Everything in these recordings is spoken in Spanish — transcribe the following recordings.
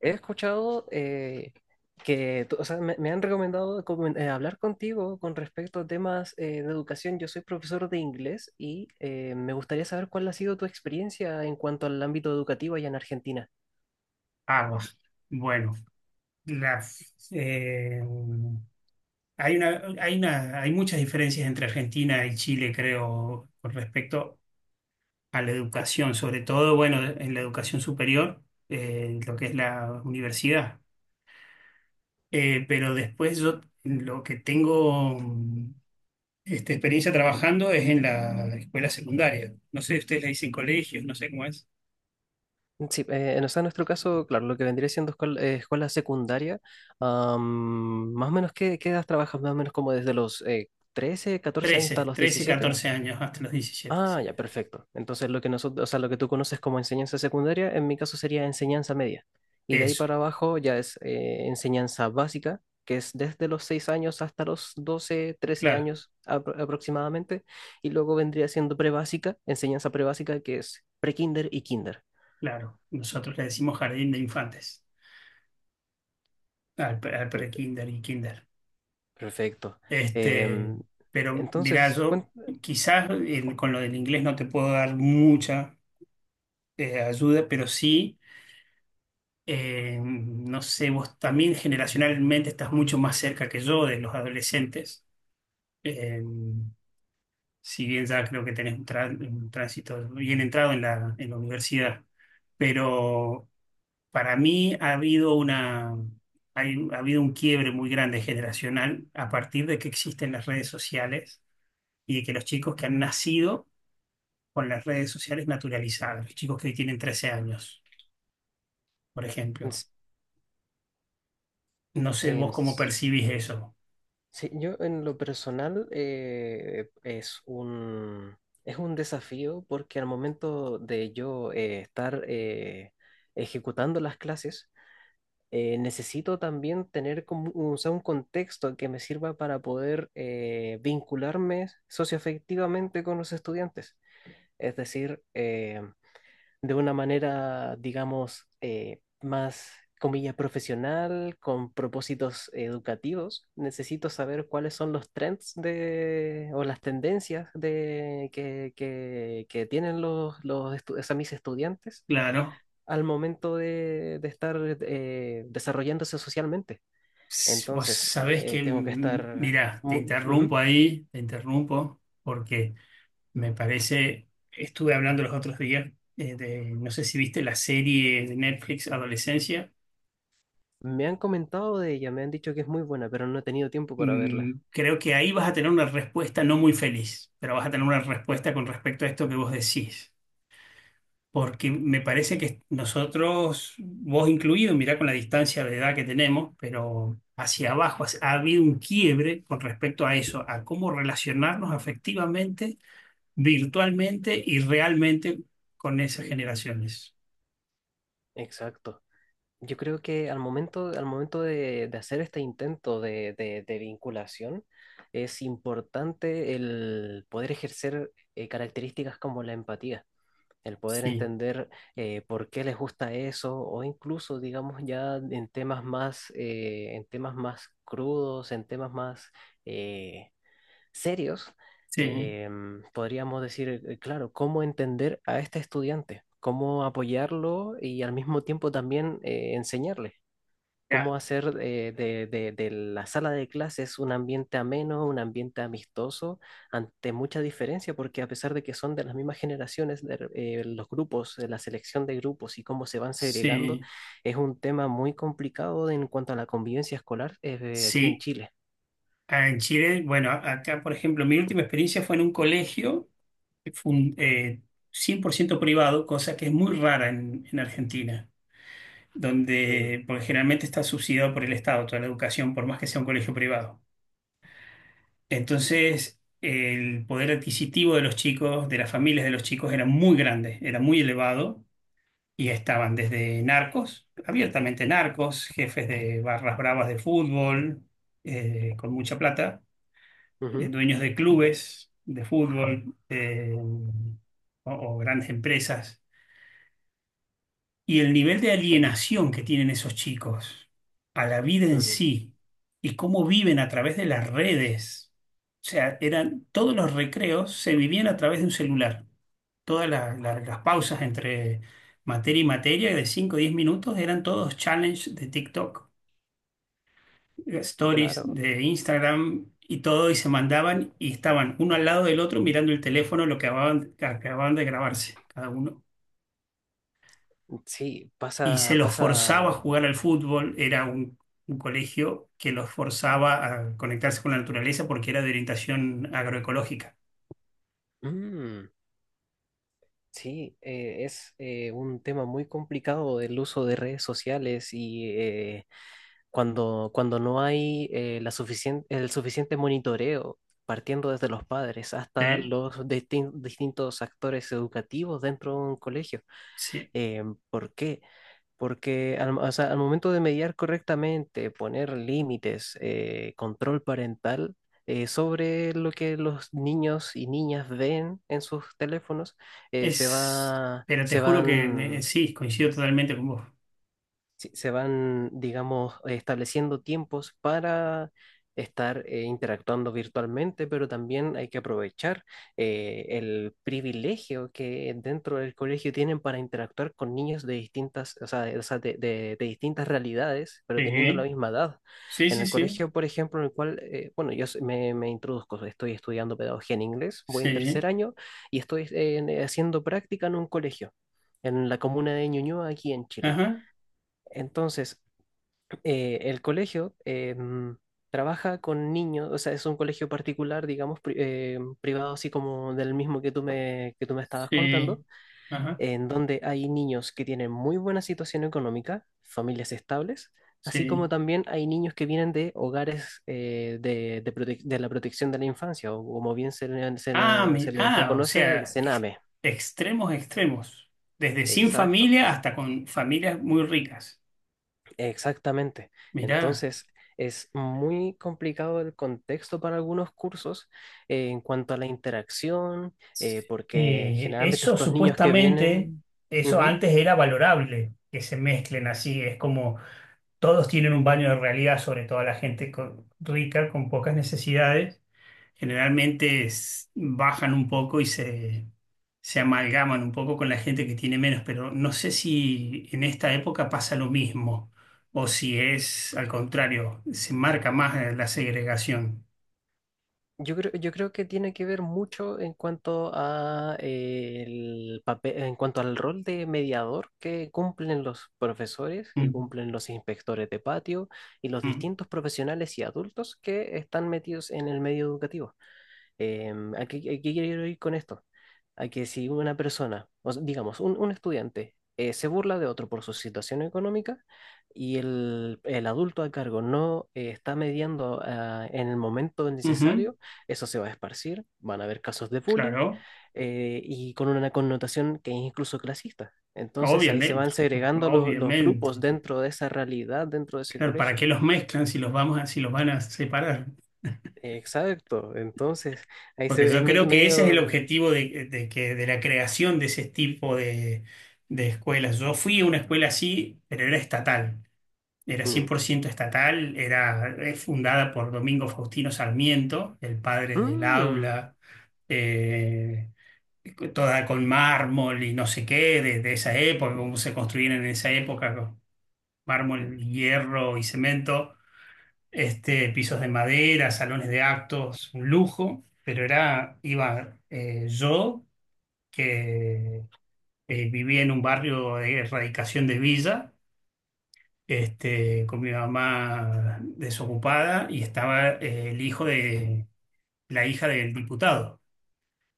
He escuchado que, tú- o sea, me han recomendado hablar contigo con respecto a temas de educación. Yo soy profesor de inglés y me gustaría saber cuál ha sido tu experiencia en cuanto al ámbito educativo allá en Argentina. Aguas. Bueno, la, eh, hay una, hay muchas diferencias entre Argentina y Chile, creo, con respecto a la educación, sobre todo, bueno, en la educación superior, en lo que es la universidad. Pero después yo lo que tengo experiencia trabajando es en la escuela secundaria. No sé, ustedes le dicen colegios, no sé cómo es. Sí, en nuestro caso, claro, lo que vendría siendo escuela secundaria, más o menos, ¿qué edad trabajas? Más o menos como desde los 13, 14 años hasta trece los trece 17. 14 años, hasta los diecisiete, sí. Ah, ya, perfecto. Entonces lo que nosotros, o sea, lo que tú conoces como enseñanza secundaria, en mi caso sería enseñanza media. Y de ahí Eso, para abajo ya es enseñanza básica, que es desde los 6 años hasta los 12, trece claro. años aproximadamente. Y luego vendría siendo enseñanza prebásica, que es prekinder y kinder. Claro, nosotros le decimos jardín de infantes al, al Perfecto. pre-kinder y kinder. Perfecto. Este, Em, pero mira, entonces, yo bueno, quizás con lo del inglés no te puedo dar mucha ayuda, pero sí, no sé, vos también generacionalmente estás mucho más cerca que yo de los adolescentes. Eh, si bien ya creo que tenés un, un tránsito bien entrado en la universidad, pero para mí ha habido una, ha habido un quiebre muy grande generacional a partir de que existen las redes sociales y de que los chicos que han nacido con las redes sociales naturalizadas, los chicos que hoy tienen trece años, por ejemplo. No sé vos cómo percibís eso. sí, yo en lo personal es un desafío porque al momento de yo estar ejecutando las clases, necesito también tener como un contexto que me sirva para poder vincularme socioafectivamente con los estudiantes. Es decir, de una manera, digamos, más, comilla, profesional, con propósitos educativos. Necesito saber cuáles son los trends de, o las tendencias de, que tienen los estu- o sea, mis estudiantes Claro, al momento de estar desarrollándose socialmente. Vos Entonces, sabés que, tengo que estar... mira, te ujú. interrumpo ahí, te interrumpo, porque me parece, estuve hablando los otros días no sé si viste la serie de Netflix Adolescencia. Me han comentado de ella, me han dicho que es muy buena, pero no he tenido tiempo para verla. Creo que ahí vas a tener una respuesta no muy feliz, pero vas a tener una respuesta con respecto a esto que vos decís. Porque me parece que nosotros, vos incluido, mirá con la distancia de edad que tenemos, pero hacia abajo ha habido un quiebre con respecto a eso, a cómo relacionarnos afectivamente, virtualmente y realmente con esas generaciones. Exacto. Yo creo que al momento de hacer este intento de vinculación, es importante el poder ejercer características como la empatía, el poder Sí, entender por qué les gusta eso, o incluso, digamos, ya en temas más crudos, en temas más, eh, serios, sí, eh, podríamos decir, claro, cómo entender a este estudiante, cómo apoyarlo y al mismo tiempo también enseñarle, ya, cómo hacer de la sala de clases un ambiente ameno, un ambiente amistoso, ante mucha diferencia, porque a pesar de que son de las mismas generaciones, de los grupos, la selección de grupos y cómo se van segregando, sí, es un tema muy complicado en cuanto a la convivencia escolar aquí en sí. Chile. Ah, en Chile, bueno, acá, por ejemplo, mi última experiencia fue en un colegio fun- eh, 100% privado, cosa que es muy rara en Argentina, Mm, donde, porque generalmente está subsidiado por el Estado, toda la educación, por más que sea un colegio privado. Entonces, el poder adquisitivo de los chicos, de las familias de los chicos, era muy grande, era muy elevado, y estaban desde narcos, abiertamente narcos, jefes de barras bravas de fútbol, con mucha plata, ujú, dueños de clubes de fútbol, o grandes empresas, y el nivel de alienación que tienen esos chicos a la vida en mm, sí y cómo viven a través de las redes. O sea, eran, todos los recreos se vivían a través de un celular. Todas las pausas entre materia y materia de 5 o 10 minutos eran todos challenges de TikTok, stories claro. de Instagram y todo, y se mandaban y estaban uno al lado del otro mirando el teléfono lo que acababan de grabarse, cada uno. Sí, Y se pasa, los pasa. forzaba a jugar al fútbol. Era un colegio que los forzaba a conectarse con la naturaleza porque era de orientación agroecológica. Mm, sí, es un tema muy complicado del uso de redes sociales y cuando no hay el suficiente monitoreo, partiendo desde los padres hasta ¿Eh? los distintos actores educativos dentro de un colegio. Sí, Eh, ¿Por qué? Porque al momento de mediar correctamente, poner límites, control parental sobre lo que los niños y niñas ven en sus teléfonos, pero te se juro que van sí, coincido totalmente con vos. sí, se van, digamos, estableciendo tiempos para estar interactuando virtualmente, pero también hay que aprovechar el privilegio que dentro del colegio tienen para interactuar con niños de distintas, o sea, de distintas realidades, pero teniendo la Sí, misma edad. sí, En sí, el sí, colegio, por ejemplo, en el cual, bueno, me introduzco, estoy estudiando pedagogía en inglés, voy en sí, tercer año y estoy haciendo práctica en un colegio, en la comuna de Ñuñoa, aquí en Chile. ajá, Entonces, el colegio trabaja con niños, o sea, es un colegio particular, digamos, privado, así como del mismo que que tú me estabas contando, sí, ajá, en donde hay niños que tienen muy buena situación económica, familias estables, así como sí. también hay niños que vienen de hogares de la protección de la infancia, o como bien se, le- se Ah, le- se les o reconoce, el sea, CENAME. extremos, extremos, desde sin Exacto. familia hasta con familias muy ricas. Exactamente. Mirá. Entonces, es muy complicado el contexto para algunos cursos en cuanto a la interacción, porque generalmente Eso estos niños que supuestamente, vienen... eso Ujú. antes era valorable, que se mezclen así, es como todos tienen un baño de realidad, sobre todo la gente rica, con pocas necesidades, generalmente bajan un poco y se amalgaman un poco con la gente que tiene menos, pero no sé si en esta época pasa lo mismo o si es al contrario, se marca más la segregación. Yo creo que tiene que ver mucho en cuanto a en cuanto al rol de mediador que cumplen los profesores, que Mm, cumplen los inspectores de patio y los mm, distintos profesionales y adultos que están metidos en el medio educativo. ¿ a qué quiero ir con esto? A que si una persona, o sea, digamos, un estudiante, se burla de otro por su situación económica y el adulto a cargo no está mediando ah, en el momento ujú, necesario, eso se va a esparcir, van a haber casos de bullying claro. Y con una connotación que es incluso clasista. Entonces ahí se Obviamente, van segregando los grupos obviamente. dentro de esa realidad, dentro de ese Claro, ¿para colegio. qué los mezclan si los vamos a, si los van a separar? Exacto, entonces ahí Porque se, yo creo que ese es medio... el objetivo de que, de la creación de ese tipo de escuelas. Yo fui a una escuela así, pero era estatal. Era cien Mm. por ciento estatal, era es fundada por Domingo Faustino Sarmiento, el padre del Mm, aula, eh, toda con mármol y no sé qué, de esa época, cómo se construían en esa época, con mármol, hierro y cemento. Pisos de madera, salones de actos, un lujo, pero era, iba yo, que vivía en un barrio de erradicación de villa, con mi mamá desocupada, y estaba el hijo de la hija del diputado.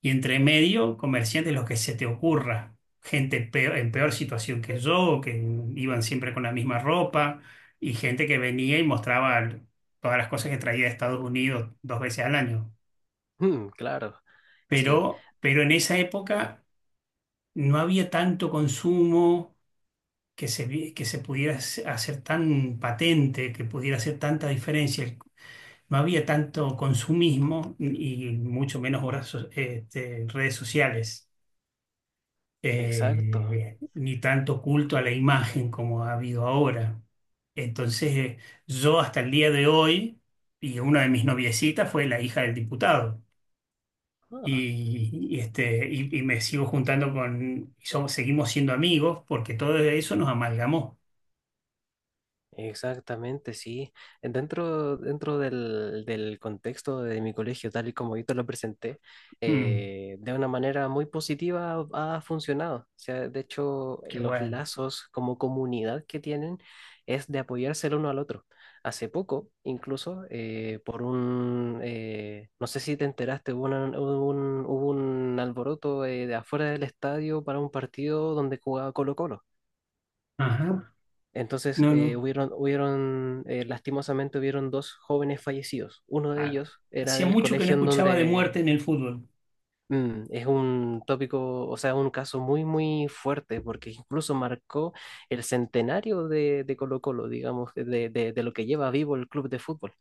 Y entre medio, comerciantes, los que se te ocurra. Gente en peor situación que yo, que iban siempre con la misma ropa, y gente que venía y mostraba todas las cosas que traía de Estados Unidos dos veces al año. mm, claro, sí, Pero en esa época no había tanto consumo que se, que se pudiera hacer tan patente, que pudiera hacer tanta diferencia. No había tanto consumismo y mucho menos horas redes sociales. exacto. Ni tanto culto a la imagen como ha habido ahora. Entonces, yo hasta el día de hoy, y una de mis noviecitas fue la hija del diputado, Ah, y me sigo juntando con, y somos, seguimos siendo amigos porque todo eso nos amalgamó. exactamente, sí. Dentro del, del contexto de mi colegio, tal y como yo te lo presenté, Mm, de una manera muy positiva ha funcionado. O sea, de hecho, qué los bueno. lazos como comunidad que tienen es de apoyarse el uno al otro. Hace poco, incluso, no sé si te enteraste, hubo un alboroto de afuera del estadio para un partido donde jugaba Colo-Colo. Ajá. Entonces, No, no. Hubieron lastimosamente hubieron dos jóvenes fallecidos. Uno de Ah, ellos era hacía del mucho que no colegio en escuchaba de muerte donde en el fútbol. mm, es un tópico, o sea, un caso muy, muy fuerte, porque incluso marcó el centenario de Colo-Colo, digamos, de lo que lleva vivo el club de fútbol.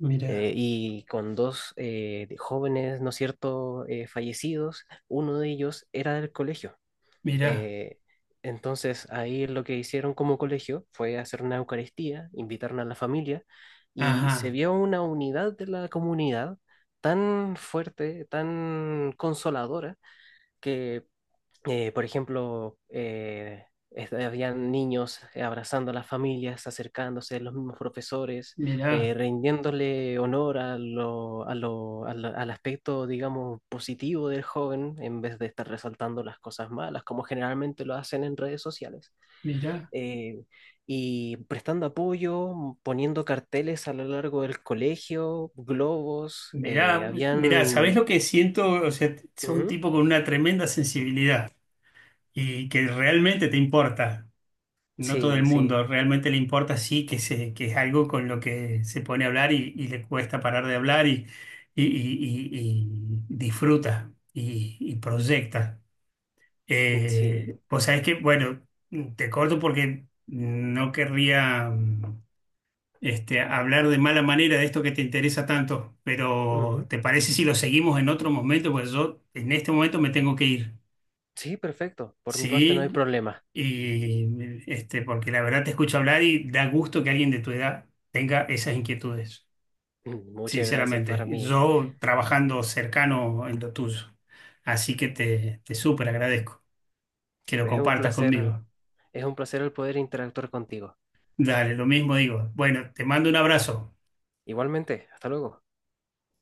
Mirá, Y con dos jóvenes, ¿no es cierto?, fallecidos, uno de ellos era del colegio. mirá. Eh, entonces ahí lo que hicieron como colegio fue hacer una Eucaristía, invitaron a la familia y se Ajá. vio una unidad de la comunidad tan fuerte, tan consoladora, que habían niños abrazando a las familias, acercándose a los mismos profesores, Mirá, rindiéndole honor a al aspecto, digamos, positivo del joven, en vez de estar resaltando las cosas malas, como generalmente lo hacen en redes sociales. mirá. Eh, y prestando apoyo, mm, poniendo carteles a lo largo del colegio, globos, Mirá, mirá, ¿sabés habían... lo que siento? O sea, sos un Ujú, tipo con una tremenda sensibilidad y que realmente te importa. No todo el sí, sí, mundo realmente le importa, sí, que, se, que es algo con lo que se pone a hablar y le cuesta parar de hablar y, y disfruta y proyecta. mm, sí. Vos sabés que, bueno, te corto porque no querría. Hablar de mala manera de esto que te interesa tanto, pero Ujú. ¿te parece si lo seguimos en otro momento? Pues yo en este momento me tengo que ir, Sí, perfecto. Por mi parte no hay ¿sí? problema. Y, este, porque la verdad te escucho hablar y da gusto que alguien de tu edad tenga esas inquietudes, Mm, muchas gracias sinceramente. para mí. Yo trabajando cercano en lo tuyo, así que te súper agradezco que Sí, lo compartas conmigo. es un placer el poder interactuar contigo. Dale, lo mismo digo. Bueno, te mando un abrazo. Igualmente, hasta luego.